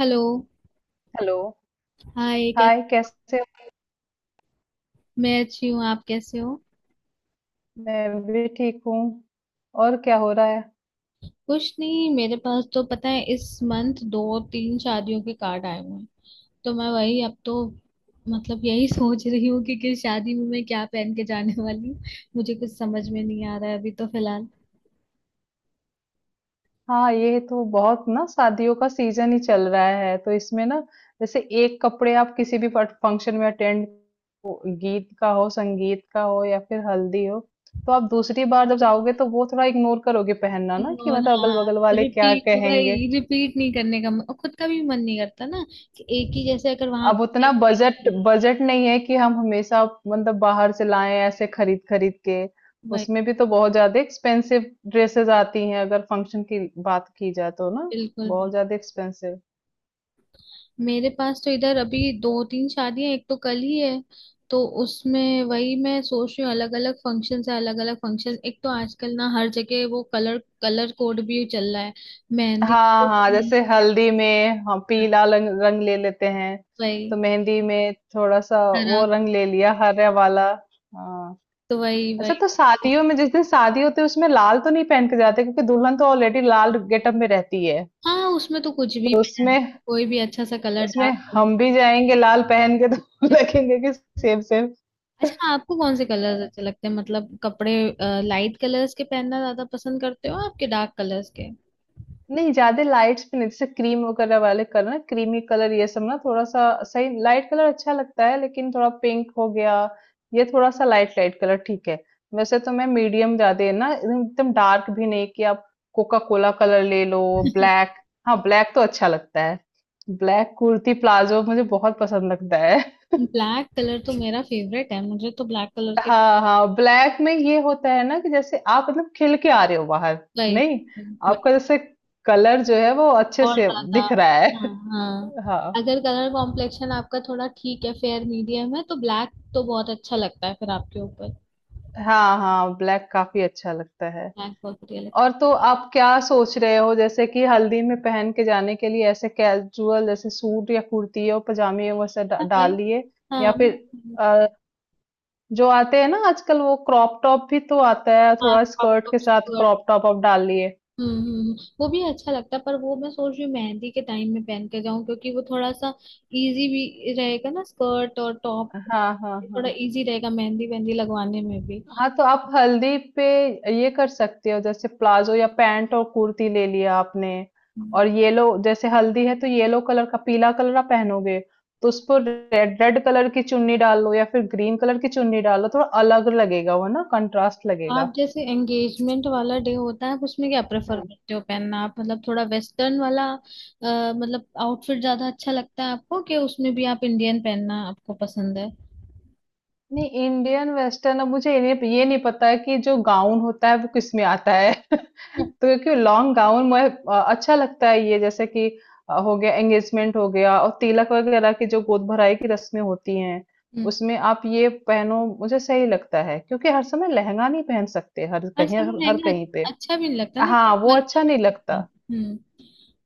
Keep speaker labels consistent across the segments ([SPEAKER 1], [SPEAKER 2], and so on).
[SPEAKER 1] Hello.
[SPEAKER 2] Hello.
[SPEAKER 1] Hi कै।
[SPEAKER 2] Hi कैसे हो।
[SPEAKER 1] मैं अच्छी हूँ, आप कैसे हो।
[SPEAKER 2] मैं भी ठीक हूँ। और क्या हो रहा है?
[SPEAKER 1] कुछ नहीं, मेरे पास तो पता है इस मंथ दो तीन शादियों के कार्ड आए हुए हैं। तो मैं वही अब तो मतलब यही सोच रही हूँ कि किस शादी में मैं क्या पहन के जाने वाली हूँ। मुझे कुछ समझ में नहीं आ रहा है अभी तो फिलहाल।
[SPEAKER 2] हाँ, ये तो बहुत ना, शादियों का सीजन ही चल रहा है, तो इसमें ना जैसे एक कपड़े आप किसी भी फंक्शन में अटेंड, गीत का हो, संगीत का हो या फिर हल्दी हो, तो आप दूसरी बार जब जाओगे तो वो थोड़ा इग्नोर करोगे पहनना ना कि
[SPEAKER 1] और
[SPEAKER 2] मतलब अगल
[SPEAKER 1] हाँ,
[SPEAKER 2] बगल वाले क्या
[SPEAKER 1] रिपीट
[SPEAKER 2] कहेंगे।
[SPEAKER 1] वही रिपीट नहीं करने का और खुद का भी मन नहीं करता ना कि एक ही जैसे अगर वहां
[SPEAKER 2] अब
[SPEAKER 1] पे
[SPEAKER 2] उतना बजट
[SPEAKER 1] वही।
[SPEAKER 2] बजट नहीं है कि हम हमेशा मतलब बाहर से लाएं, ऐसे खरीद खरीद के।
[SPEAKER 1] वही
[SPEAKER 2] उसमें भी तो बहुत ज्यादा एक्सपेंसिव ड्रेसेस आती हैं अगर फंक्शन की बात की जाए तो ना,
[SPEAKER 1] बिल्कुल।
[SPEAKER 2] बहुत ज्यादा एक्सपेंसिव।
[SPEAKER 1] मेरे पास तो इधर अभी दो तीन शादियां, एक तो कल ही है। तो उसमें वही मैं सोच रही हूँ, अलग अलग फंक्शन है। अलग अलग फंक्शन, एक तो आजकल ना हर जगह वो कलर कलर कोड भी चल रहा है। मेहंदी,
[SPEAKER 2] हाँ
[SPEAKER 1] तो
[SPEAKER 2] हाँ,
[SPEAKER 1] green,
[SPEAKER 2] जैसे हल्दी में हम पीला रंग रंग ले लेते हैं, तो
[SPEAKER 1] वही।
[SPEAKER 2] मेहंदी में थोड़ा सा
[SPEAKER 1] हरा,
[SPEAKER 2] वो रंग ले लिया, हरा वाला। हाँ।
[SPEAKER 1] तो वही
[SPEAKER 2] अच्छा,
[SPEAKER 1] वही।
[SPEAKER 2] तो शादियों में जिस दिन शादी होती है उसमें लाल तो नहीं पहन के जाते क्योंकि दुल्हन तो ऑलरेडी लाल गेटअप में रहती है,
[SPEAKER 1] हाँ, उसमें तो कुछ
[SPEAKER 2] तो
[SPEAKER 1] भी पहन,
[SPEAKER 2] उसमें,
[SPEAKER 1] कोई भी अच्छा सा कलर,
[SPEAKER 2] उसमें
[SPEAKER 1] डार्क कलर।
[SPEAKER 2] हम भी जाएँगे लाल पहन के तो लगेंगे कि सेम सेम। अ,
[SPEAKER 1] अच्छा, आपको कौन से कलर्स अच्छे लगते हैं, मतलब कपड़े लाइट कलर्स के पहनना ज्यादा पसंद करते हो आपके डार्क कलर्स के।
[SPEAKER 2] नहीं, ज़्यादा लाइट्स भी नहीं, जैसे क्रीम वगैरह वाले कलर ना, क्रीमी कलर, ये सब ना थोड़ा-सा सही, लाइट कलर अच्छा लगता है, लेकिन थोड़ा पिंक हो गया, ये थोड़ा-सा लाइट लाइट कलर ठीक है। वैसे तो मैं मीडियम, ज़्यादा ना एकदम एकदम डार्क भी नहीं कि आप कोका कोला कलर ले लो, ब्लैक। हाँ, ब्लैक तो अच्छा लगता है। ब्लैक कुर्ती प्लाज़ो मुझे बहुत पसंद लगता है।
[SPEAKER 1] ब्लैक कलर तो मेरा फेवरेट है, मुझे तो ब्लैक कलर के।
[SPEAKER 2] हाँ हाँ, ब्लैक में ये होता है ना कि जैसे आप मतलब खिल के आ रहे हो बाहर,
[SPEAKER 1] वही-
[SPEAKER 2] नहीं,
[SPEAKER 1] वही-
[SPEAKER 2] आपका जैसे कलर जो है वो अच्छे
[SPEAKER 1] और
[SPEAKER 2] से
[SPEAKER 1] ज्यादा,
[SPEAKER 2] दिख रहा है।
[SPEAKER 1] हाँ हाँ।
[SPEAKER 2] हाँ
[SPEAKER 1] अगर कलर कॉम्प्लेक्शन आपका थोड़ा ठीक है, फेयर मीडियम है, तो ब्लैक तो बहुत अच्छा लगता है फिर आपके ऊपर।
[SPEAKER 2] हाँ हाँ, ब्लैक काफी अच्छा लगता है।
[SPEAKER 1] ब्लैक बहुत बढ़िया लगता
[SPEAKER 2] और तो आप क्या सोच रहे हो, जैसे कि हल्दी में पहन के जाने के लिए ऐसे कैजुअल जैसे सूट या कुर्ती और पजामे वैसे
[SPEAKER 1] है
[SPEAKER 2] डाल
[SPEAKER 1] भाई।
[SPEAKER 2] लिए, या
[SPEAKER 1] हाँ।
[SPEAKER 2] फिर अ, जो आते हैं ना आजकल, वो क्रॉप टॉप भी तो आता है
[SPEAKER 1] हाँ,
[SPEAKER 2] थोड़ा
[SPEAKER 1] क्रॉप
[SPEAKER 2] स्कर्ट
[SPEAKER 1] टॉप
[SPEAKER 2] के साथ,
[SPEAKER 1] स्कर्ट।
[SPEAKER 2] क्रॉप टॉप आप डाल लिए।
[SPEAKER 1] हम्म हम्म, हम्म। वो भी अच्छा लगता है पर वो मैं सोच रही हूँ मेहंदी के टाइम में पहन के जाऊं, क्योंकि वो थोड़ा सा इजी भी रहेगा ना, स्कर्ट और टॉप।
[SPEAKER 2] हाँ हाँ
[SPEAKER 1] थोड़ा
[SPEAKER 2] हाँ।
[SPEAKER 1] इजी रहेगा मेहंदी वेहंदी लगवाने में भी।
[SPEAKER 2] हाँ, तो आप हल्दी पे ये कर सकते हो, जैसे प्लाजो या पैंट और कुर्ती ले लिया आपने, और येलो, जैसे हल्दी है तो येलो कलर का, पीला कलर आप पहनोगे, तो उस पर रेड रेड कलर की चुन्नी डाल लो या फिर ग्रीन कलर की चुन्नी डाल लो, थोड़ा अलग लगेगा वो ना, कंट्रास्ट
[SPEAKER 1] आप
[SPEAKER 2] लगेगा।
[SPEAKER 1] जैसे एंगेजमेंट वाला डे होता है, आप उसमें क्या प्रेफर करते हो पहनना, आप मतलब थोड़ा वेस्टर्न वाला मतलब आउटफिट ज्यादा अच्छा लगता है आपको कि उसमें भी आप इंडियन पहनना आपको पसंद है।
[SPEAKER 2] नहीं, इंडियन वेस्टर्न, अब मुझे ये नहीं पता है कि जो गाउन होता है वो किस में आता है तो, क्योंकि लॉन्ग गाउन मैं, अच्छा लगता है ये, जैसे कि हो गया एंगेजमेंट हो गया और तिलक वगैरह की जो गोद भराई की रस्में होती हैं,
[SPEAKER 1] हम्म।
[SPEAKER 2] उसमें आप ये पहनो मुझे सही लगता है, क्योंकि हर समय लहंगा नहीं पहन सकते हर
[SPEAKER 1] हर
[SPEAKER 2] कहीं,
[SPEAKER 1] समय
[SPEAKER 2] हर, हर
[SPEAKER 1] लहंगा
[SPEAKER 2] कहीं पे।
[SPEAKER 1] अच्छा भी नहीं लगता ना कि
[SPEAKER 2] हाँ
[SPEAKER 1] आप
[SPEAKER 2] वो
[SPEAKER 1] हर।
[SPEAKER 2] अच्छा नहीं लगता।
[SPEAKER 1] हम्म,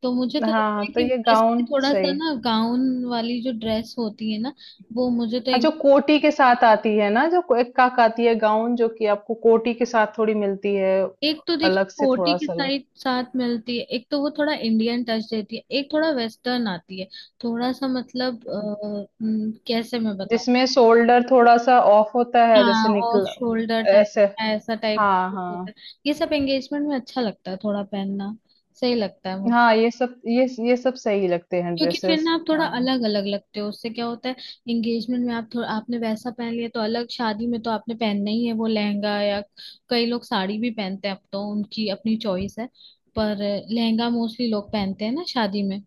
[SPEAKER 1] तो मुझे तो लगता
[SPEAKER 2] हाँ,
[SPEAKER 1] है
[SPEAKER 2] तो
[SPEAKER 1] कि
[SPEAKER 2] ये
[SPEAKER 1] वैसे
[SPEAKER 2] गाउन
[SPEAKER 1] थोड़ा सा
[SPEAKER 2] सही।
[SPEAKER 1] ना गाउन वाली जो ड्रेस होती है ना, वो मुझे तो।
[SPEAKER 2] हाँ, जो कोटी के साथ आती है ना, जो एक काक आती है गाउन, जो कि आपको कोटी के साथ थोड़ी मिलती है।
[SPEAKER 1] एक तो देखिए
[SPEAKER 2] अलग से
[SPEAKER 1] कोटी
[SPEAKER 2] थोड़ा
[SPEAKER 1] की
[SPEAKER 2] सा लो,
[SPEAKER 1] साइड साथ मिलती है, एक तो वो थोड़ा इंडियन टच देती है, एक थोड़ा वेस्टर्न आती है। थोड़ा सा मतलब कैसे मैं बताऊं।
[SPEAKER 2] जिसमें शोल्डर थोड़ा सा ऑफ होता है, जैसे
[SPEAKER 1] हाँ, ऑफ
[SPEAKER 2] निकल,
[SPEAKER 1] शोल्डर
[SPEAKER 2] ऐसे।
[SPEAKER 1] टाइप। ऐसा टाइप
[SPEAKER 2] हाँ
[SPEAKER 1] कुछ होता
[SPEAKER 2] हाँ।
[SPEAKER 1] है। ये सब एंगेजमेंट में अच्छा लगता है थोड़ा पहनना, सही लगता है मुझे।
[SPEAKER 2] हाँ, ये सब, ये सब सही लगते हैं
[SPEAKER 1] क्योंकि फिर
[SPEAKER 2] ड्रेसेस,
[SPEAKER 1] ना आप थोड़ा
[SPEAKER 2] हाँ।
[SPEAKER 1] अलग अलग लगते हो, उससे क्या होता है, एंगेजमेंट में आप थोड़ा आपने वैसा पहन लिया तो अलग। शादी में तो आपने पहनना ही है वो लहंगा, या कई लोग साड़ी भी पहनते हैं अब तो, उनकी अपनी चॉइस है। पर लहंगा मोस्टली लोग पहनते हैं ना शादी में।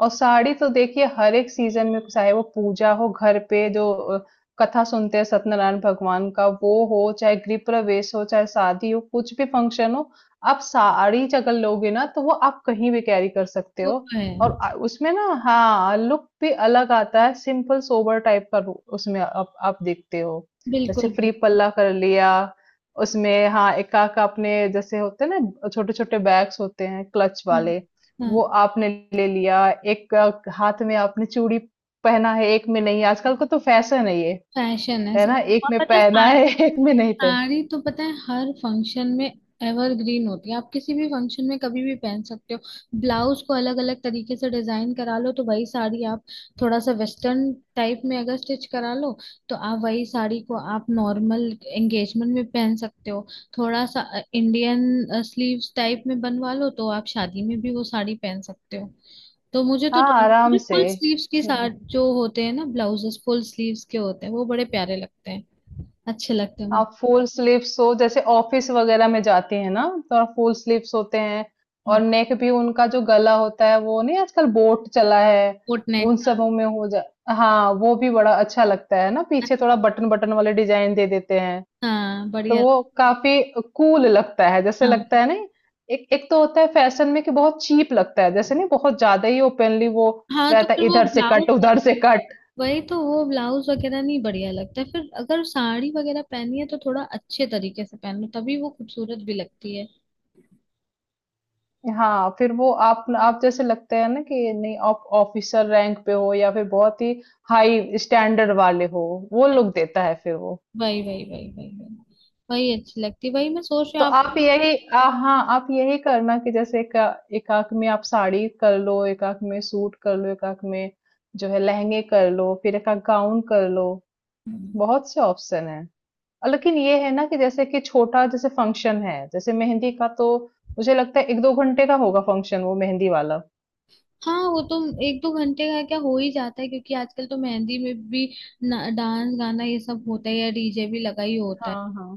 [SPEAKER 2] और साड़ी तो देखिए हर एक सीजन में, चाहे वो पूजा हो घर पे जो कथा सुनते हैं, सत्यनारायण भगवान का वो हो, चाहे गृह प्रवेश हो, चाहे शादी हो, कुछ भी फंक्शन हो, आप साड़ी अगर लोगे ना, तो वो आप कहीं भी कैरी कर सकते
[SPEAKER 1] वो
[SPEAKER 2] हो।
[SPEAKER 1] तो है।
[SPEAKER 2] और उसमें ना, हाँ, लुक भी अलग आता है, सिंपल सोबर टाइप का, उसमें आप देखते हो, जैसे
[SPEAKER 1] बिल्कुल
[SPEAKER 2] फ्री
[SPEAKER 1] बिल्कुल।
[SPEAKER 2] पल्ला कर लिया, उसमें हाँ, एकाक अपने जैसे होते हैं ना, छोटे छोटे बैग्स होते हैं क्लच
[SPEAKER 1] हाँ
[SPEAKER 2] वाले, वो
[SPEAKER 1] हाँ।
[SPEAKER 2] आपने ले लिया, एक हाथ में आपने चूड़ी पहना है, एक में नहीं, आजकल का तो फैशन है ये,
[SPEAKER 1] फैशन है
[SPEAKER 2] है ना?
[SPEAKER 1] सिर्फ,
[SPEAKER 2] एक
[SPEAKER 1] और
[SPEAKER 2] में
[SPEAKER 1] पता है
[SPEAKER 2] पहना
[SPEAKER 1] साड़ी,
[SPEAKER 2] है, एक में नहीं पहना।
[SPEAKER 1] साड़ी तो पता है हर फंक्शन में एवरग्रीन होती है। आप किसी भी फंक्शन में कभी भी पहन सकते हो। ब्लाउज को अलग अलग तरीके से डिजाइन करा लो तो वही साड़ी आप थोड़ा सा वेस्टर्न टाइप में अगर स्टिच करा लो तो आप वही साड़ी को आप नॉर्मल एंगेजमेंट में पहन सकते हो। थोड़ा सा इंडियन स्लीव्स टाइप में बनवा लो तो आप शादी में भी वो साड़ी पहन सकते हो। तो मुझे तो
[SPEAKER 2] हाँ,
[SPEAKER 1] दोनों
[SPEAKER 2] आराम
[SPEAKER 1] मुझे
[SPEAKER 2] से।
[SPEAKER 1] फुल स्लीव्स के साथ
[SPEAKER 2] हुँ।
[SPEAKER 1] जो होते हैं ना ब्लाउजेस फुल स्लीव्स के होते हैं वो बड़े प्यारे लगते हैं। अच्छे लगते हैं मुझे।
[SPEAKER 2] आप फुल स्लीव्स हो, जैसे ऑफिस वगैरह में जाती हैं ना, तो आप फुल स्लीव्स होते हैं, और नेक भी उनका जो गला होता है, वो नहीं, आजकल बोट चला है,
[SPEAKER 1] कोट नेक।
[SPEAKER 2] उन सबों में हो जा, हाँ, वो भी बड़ा अच्छा लगता है ना, पीछे थोड़ा बटन-बटन वाले डिज़ाइन दे देते हैं।
[SPEAKER 1] हाँ
[SPEAKER 2] तो
[SPEAKER 1] बढ़िया।
[SPEAKER 2] वो काफी कूल लगता है, जैसे
[SPEAKER 1] हाँ
[SPEAKER 2] लगता है नहीं। एक, एक तो होता है फैशन में कि बहुत चीप लगता है, जैसे नहीं, बहुत ज्यादा ही ओपनली वो
[SPEAKER 1] हाँ, तो
[SPEAKER 2] रहता
[SPEAKER 1] फिर
[SPEAKER 2] है,
[SPEAKER 1] वो
[SPEAKER 2] इधर से
[SPEAKER 1] ब्लाउज,
[SPEAKER 2] कट, उधर से कट।
[SPEAKER 1] वही। तो वो ब्लाउज वगैरह नहीं बढ़िया लगता है फिर, अगर साड़ी वगैरह पहनी है तो थोड़ा अच्छे तरीके से पहनो तभी वो खूबसूरत भी लगती है।
[SPEAKER 2] हाँ, फिर वो आप, जैसे लगते हैं ना कि नहीं, आप ऑफिसर रैंक पे हो या फिर बहुत ही हाई स्टैंडर्ड वाले हो, वो लुक देता है फिर वो।
[SPEAKER 1] वही वही वही वही वही वही अच्छी लगती है, वही मैं सोच रही
[SPEAKER 2] तो
[SPEAKER 1] हूँ आप।
[SPEAKER 2] आप यही हाँ, आप यही करना कि जैसे एक, एक आंख में आप साड़ी कर लो, एक आंख में सूट कर लो, एक आंख में जो है लहंगे कर लो, फिर एक आंख गाउन कर लो। बहुत से ऑप्शन हैं। और लेकिन ये है ना कि जैसे कि छोटा जैसे फंक्शन है, जैसे मेहंदी का, तो मुझे लगता है एक दो घंटे का होगा फंक्शन वो मेहंदी वाला।
[SPEAKER 1] हाँ वो तो एक दो घंटे का क्या हो ही जाता है, क्योंकि आजकल तो मेहंदी में भी डांस गाना ये सब होता है, या डीजे भी लगा ही होता है।
[SPEAKER 2] हाँ हाँ।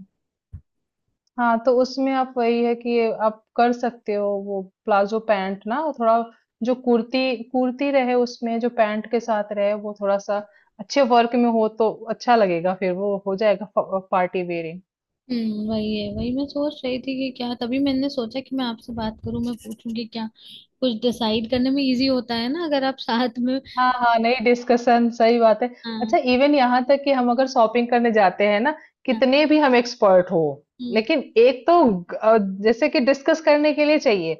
[SPEAKER 2] हाँ, तो उसमें आप वही है कि ये आप कर सकते हो, वो प्लाजो पैंट ना, और थोड़ा जो कुर्ती कुर्ती रहे उसमें, जो पैंट के साथ रहे वो थोड़ा सा अच्छे वर्क में हो तो अच्छा लगेगा, फिर वो हो जाएगा पार्टी वेयरिंग।
[SPEAKER 1] हम्म, वही है। वही मैं सोच रही थी कि क्या, तभी मैंने सोचा कि मैं आपसे बात करूं, मैं पूछूं कि क्या, कुछ डिसाइड करने में इजी होता है ना अगर आप साथ में।
[SPEAKER 2] हाँ, हाँ, नहीं, डिस्कशन सही बात है। अच्छा,
[SPEAKER 1] हाँ
[SPEAKER 2] इवन यहाँ तक कि हम अगर शॉपिंग करने जाते हैं ना,
[SPEAKER 1] हाँ।
[SPEAKER 2] कितने भी हम एक्सपर्ट हो,
[SPEAKER 1] हम्म।
[SPEAKER 2] लेकिन एक तो जैसे कि डिस्कस करने के लिए चाहिए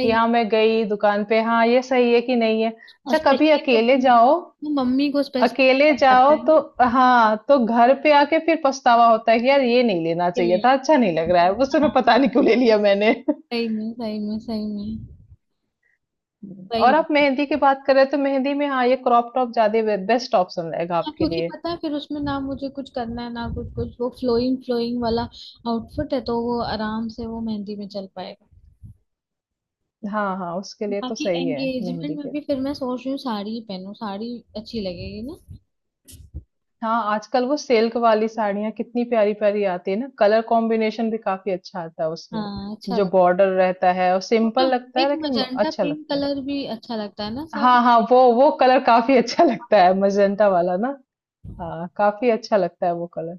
[SPEAKER 2] कि हाँ मैं गई दुकान पे, हाँ ये सही है कि नहीं है।
[SPEAKER 1] और
[SPEAKER 2] अच्छा, कभी
[SPEAKER 1] स्पेशली को
[SPEAKER 2] अकेले
[SPEAKER 1] तो
[SPEAKER 2] जाओ,
[SPEAKER 1] तो मम्मी को स्पेशली
[SPEAKER 2] अकेले
[SPEAKER 1] पड़ जाता
[SPEAKER 2] जाओ
[SPEAKER 1] है
[SPEAKER 2] तो
[SPEAKER 1] ना
[SPEAKER 2] हाँ, तो घर पे आके फिर पछतावा होता है कि यार ये नहीं लेना
[SPEAKER 1] के
[SPEAKER 2] चाहिए
[SPEAKER 1] लिए।
[SPEAKER 2] था, अच्छा नहीं लग रहा है, उस समय
[SPEAKER 1] हाँ,
[SPEAKER 2] पता नहीं क्यों ले लिया मैंने।
[SPEAKER 1] सही में सही में सही में।
[SPEAKER 2] और
[SPEAKER 1] वही।
[SPEAKER 2] आप मेहंदी की बात करें तो मेहंदी में हाँ, ये क्रॉप टॉप ज्यादा बेस्ट ऑप्शन रहेगा
[SPEAKER 1] हाँ
[SPEAKER 2] आपके
[SPEAKER 1] क्योंकि
[SPEAKER 2] लिए।
[SPEAKER 1] पता है फिर उसमें ना मुझे कुछ करना है ना कुछ कुछ, वो फ्लोइंग फ्लोइंग वाला आउटफिट है तो वो आराम से वो मेहंदी में चल पाएगा।
[SPEAKER 2] हाँ हाँ, उसके लिए तो
[SPEAKER 1] बाकी
[SPEAKER 2] सही है
[SPEAKER 1] एंगेजमेंट
[SPEAKER 2] मेहंदी
[SPEAKER 1] में
[SPEAKER 2] के लिए।
[SPEAKER 1] भी फिर मैं सोच रही हूँ साड़ी ही पहनूं, साड़ी अच्छी लगेगी ना।
[SPEAKER 2] हाँ, आजकल वो सिल्क वाली साड़ियाँ कितनी प्यारी प्यारी आती है ना, कलर कॉम्बिनेशन भी काफी अच्छा आता है उसमें,
[SPEAKER 1] हाँ, अच्छा
[SPEAKER 2] जो
[SPEAKER 1] लगता
[SPEAKER 2] बॉर्डर रहता है, और
[SPEAKER 1] है तो।
[SPEAKER 2] सिंपल लगता है
[SPEAKER 1] एक
[SPEAKER 2] लेकिन
[SPEAKER 1] मजेंटा
[SPEAKER 2] अच्छा
[SPEAKER 1] पिंक
[SPEAKER 2] लगता है।
[SPEAKER 1] कलर भी अच्छा लगता है ना साड़ी
[SPEAKER 2] हाँ
[SPEAKER 1] में?
[SPEAKER 2] हाँ, वो कलर काफी अच्छा लगता है, मजेंटा वाला ना। हाँ, काफी अच्छा लगता है वो कलर।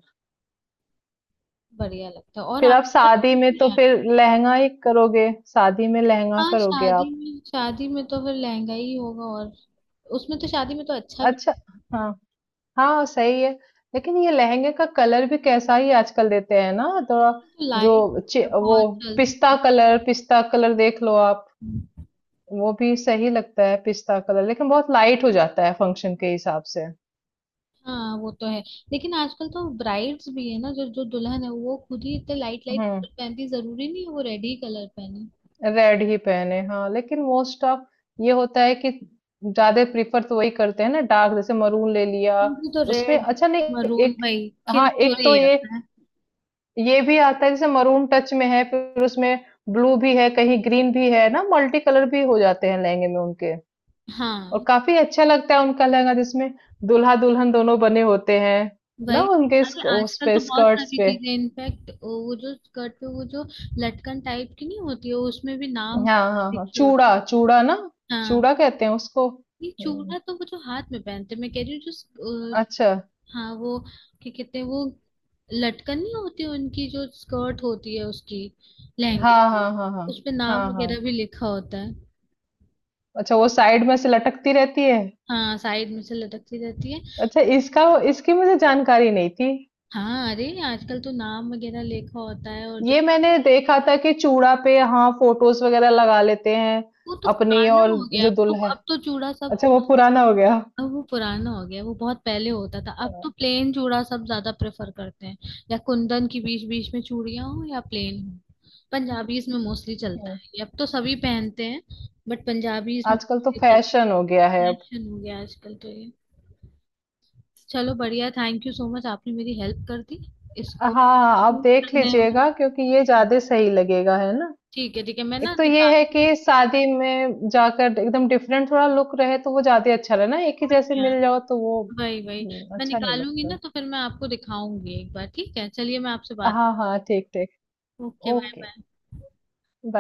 [SPEAKER 1] बढ़िया लगता है और
[SPEAKER 2] फिर आप
[SPEAKER 1] आपके पास
[SPEAKER 2] शादी
[SPEAKER 1] भी
[SPEAKER 2] में तो
[SPEAKER 1] नहीं है।
[SPEAKER 2] फिर लहंगा ही करोगे, शादी में लहंगा
[SPEAKER 1] हाँ,
[SPEAKER 2] करोगे
[SPEAKER 1] शादी
[SPEAKER 2] आप।
[SPEAKER 1] में, शादी में तो फिर लहंगा ही होगा, और उसमें तो शादी में तो अच्छा भी।
[SPEAKER 2] अच्छा। हाँ। हाँ, सही है। लेकिन ये लहंगे का कलर भी कैसा ही आजकल देते हैं ना, थोड़ा
[SPEAKER 1] तो
[SPEAKER 2] जो
[SPEAKER 1] लाइट
[SPEAKER 2] चि वो
[SPEAKER 1] बहुत चलती
[SPEAKER 2] पिस्ता
[SPEAKER 1] है।
[SPEAKER 2] कलर, पिस्ता कलर देख लो आप, वो भी सही लगता है पिस्ता कलर, लेकिन बहुत लाइट हो जाता है फंक्शन के हिसाब से।
[SPEAKER 1] हाँ वो तो है। लेकिन आजकल तो ब्राइड्स भी है ना, जो जो दुल्हन है वो खुद ही इतने लाइट लाइट
[SPEAKER 2] हम्म,
[SPEAKER 1] पहनती, जरूरी नहीं है वो रेड ही कलर पहने।
[SPEAKER 2] रेड ही पहने हाँ, लेकिन मोस्ट ऑफ ये होता है कि ज्यादा प्रिफर तो वही करते हैं ना डार्क, जैसे मरून ले लिया,
[SPEAKER 1] मुझे तो
[SPEAKER 2] उसमें
[SPEAKER 1] रेड
[SPEAKER 2] अच्छा नहीं।
[SPEAKER 1] मरून
[SPEAKER 2] एक,
[SPEAKER 1] भाई खिल
[SPEAKER 2] हाँ
[SPEAKER 1] के, और
[SPEAKER 2] एक तो
[SPEAKER 1] ये
[SPEAKER 2] ये
[SPEAKER 1] आता है
[SPEAKER 2] ये भी आता है, जैसे मरून टच में है, फिर उसमें ब्लू भी है, कहीं ग्रीन भी है ना, मल्टी कलर भी हो जाते हैं लहंगे में उनके। और
[SPEAKER 1] हाँ।
[SPEAKER 2] काफ़ी अच्छा लगता है उनका लहंगा जिसमें दूल्हा-दुल्हन दोनों बने होते हैं, ना
[SPEAKER 1] वही तो,
[SPEAKER 2] उनके
[SPEAKER 1] अरे
[SPEAKER 2] स्क, उस
[SPEAKER 1] आजकल तो
[SPEAKER 2] पे,
[SPEAKER 1] बहुत
[SPEAKER 2] स्कर्ट्स
[SPEAKER 1] सारी
[SPEAKER 2] पे।
[SPEAKER 1] चीजें इनफैक्ट वो जो स्कर्ट पे, वो जो लटकन टाइप की नहीं होती है उसमें भी नाम
[SPEAKER 2] हाँ, हाँ, हाँ,
[SPEAKER 1] लिखे होते हैं।
[SPEAKER 2] चूड़ा चूड़ा ना?
[SPEAKER 1] हाँ,
[SPEAKER 2] चूड़ा कहते हैं उसको?
[SPEAKER 1] ये चूड़ा
[SPEAKER 2] हुँ,
[SPEAKER 1] तो वो जो हाथ में पहनते हैं, मैं कह रही हूँ जो
[SPEAKER 2] अच्छा।
[SPEAKER 1] हाँ वो, क्या कहते हैं वो, लटकन नहीं होती उनकी जो स्कर्ट होती है उसकी, लहंगे
[SPEAKER 2] हाँ,
[SPEAKER 1] की।
[SPEAKER 2] हाँ, हाँ, हाँ।
[SPEAKER 1] उसपे नाम
[SPEAKER 2] हाँ, हाँ।
[SPEAKER 1] वगैरह भी लिखा होता है।
[SPEAKER 2] अच्छा, वो साइड में से लटकती रहती है?
[SPEAKER 1] हाँ, साइड में से लटकती रहती है।
[SPEAKER 2] अच्छा, इसका, इसकी मुझे जानकारी नहीं थी।
[SPEAKER 1] हाँ अरे आजकल तो नाम वगैरह लिखा होता है और जो,
[SPEAKER 2] ये मैंने देखा था कि चूड़ा पे हाँ फोटोज वगैरह लगा लेते हैं
[SPEAKER 1] वो तो
[SPEAKER 2] अपनी
[SPEAKER 1] पुराना
[SPEAKER 2] और
[SPEAKER 1] हो गया।
[SPEAKER 2] जो
[SPEAKER 1] अब तो,
[SPEAKER 2] दुल्हा है।
[SPEAKER 1] अब तो चूड़ा सब
[SPEAKER 2] अच्छा, वो
[SPEAKER 1] मोस्टली,
[SPEAKER 2] पुराना हो गया।
[SPEAKER 1] अब वो पुराना हो गया, वो बहुत पहले होता था। अब तो प्लेन चूड़ा सब ज्यादा प्रेफर करते हैं, या कुंदन की बीच बीच में चूड़ियां हो या प्लेन हो। पंजाबीज में मोस्टली चलता
[SPEAKER 2] हम्म,
[SPEAKER 1] है ये, अब तो सभी पहनते हैं, बट पंजाबीज में
[SPEAKER 2] आजकल तो
[SPEAKER 1] mostly चलता
[SPEAKER 2] फैशन हो गया है
[SPEAKER 1] है।
[SPEAKER 2] अब।
[SPEAKER 1] फैशन हो गया आजकल तो ये। चलो बढ़िया, थैंक यू सो मच, आपने मेरी हेल्प कर दी
[SPEAKER 2] हाँ
[SPEAKER 1] इसको
[SPEAKER 2] हाँ, आप देख
[SPEAKER 1] करने में।
[SPEAKER 2] लीजिएगा क्योंकि ये
[SPEAKER 1] हाँ,
[SPEAKER 2] ज्यादा सही लगेगा, है ना?
[SPEAKER 1] ठीक है ठीक है, मैं
[SPEAKER 2] एक
[SPEAKER 1] ना
[SPEAKER 2] तो ये है
[SPEAKER 1] निकाल,
[SPEAKER 2] कि शादी में जाकर एकदम डिफरेंट थोड़ा लुक रहे तो वो ज्यादा अच्छा रहे ना, एक ही
[SPEAKER 1] पहुंच
[SPEAKER 2] जैसे
[SPEAKER 1] गया,
[SPEAKER 2] मिल जाओ तो वो
[SPEAKER 1] वही वही। मैं
[SPEAKER 2] अच्छा नहीं
[SPEAKER 1] निकालूंगी
[SPEAKER 2] लगता।
[SPEAKER 1] ना तो फिर मैं आपको दिखाऊंगी एक बार, ठीक है, चलिए मैं आपसे बात।
[SPEAKER 2] हाँ हाँ, ठीक ठीक।
[SPEAKER 1] Okay, bye
[SPEAKER 2] okay,
[SPEAKER 1] bye.
[SPEAKER 2] Bye.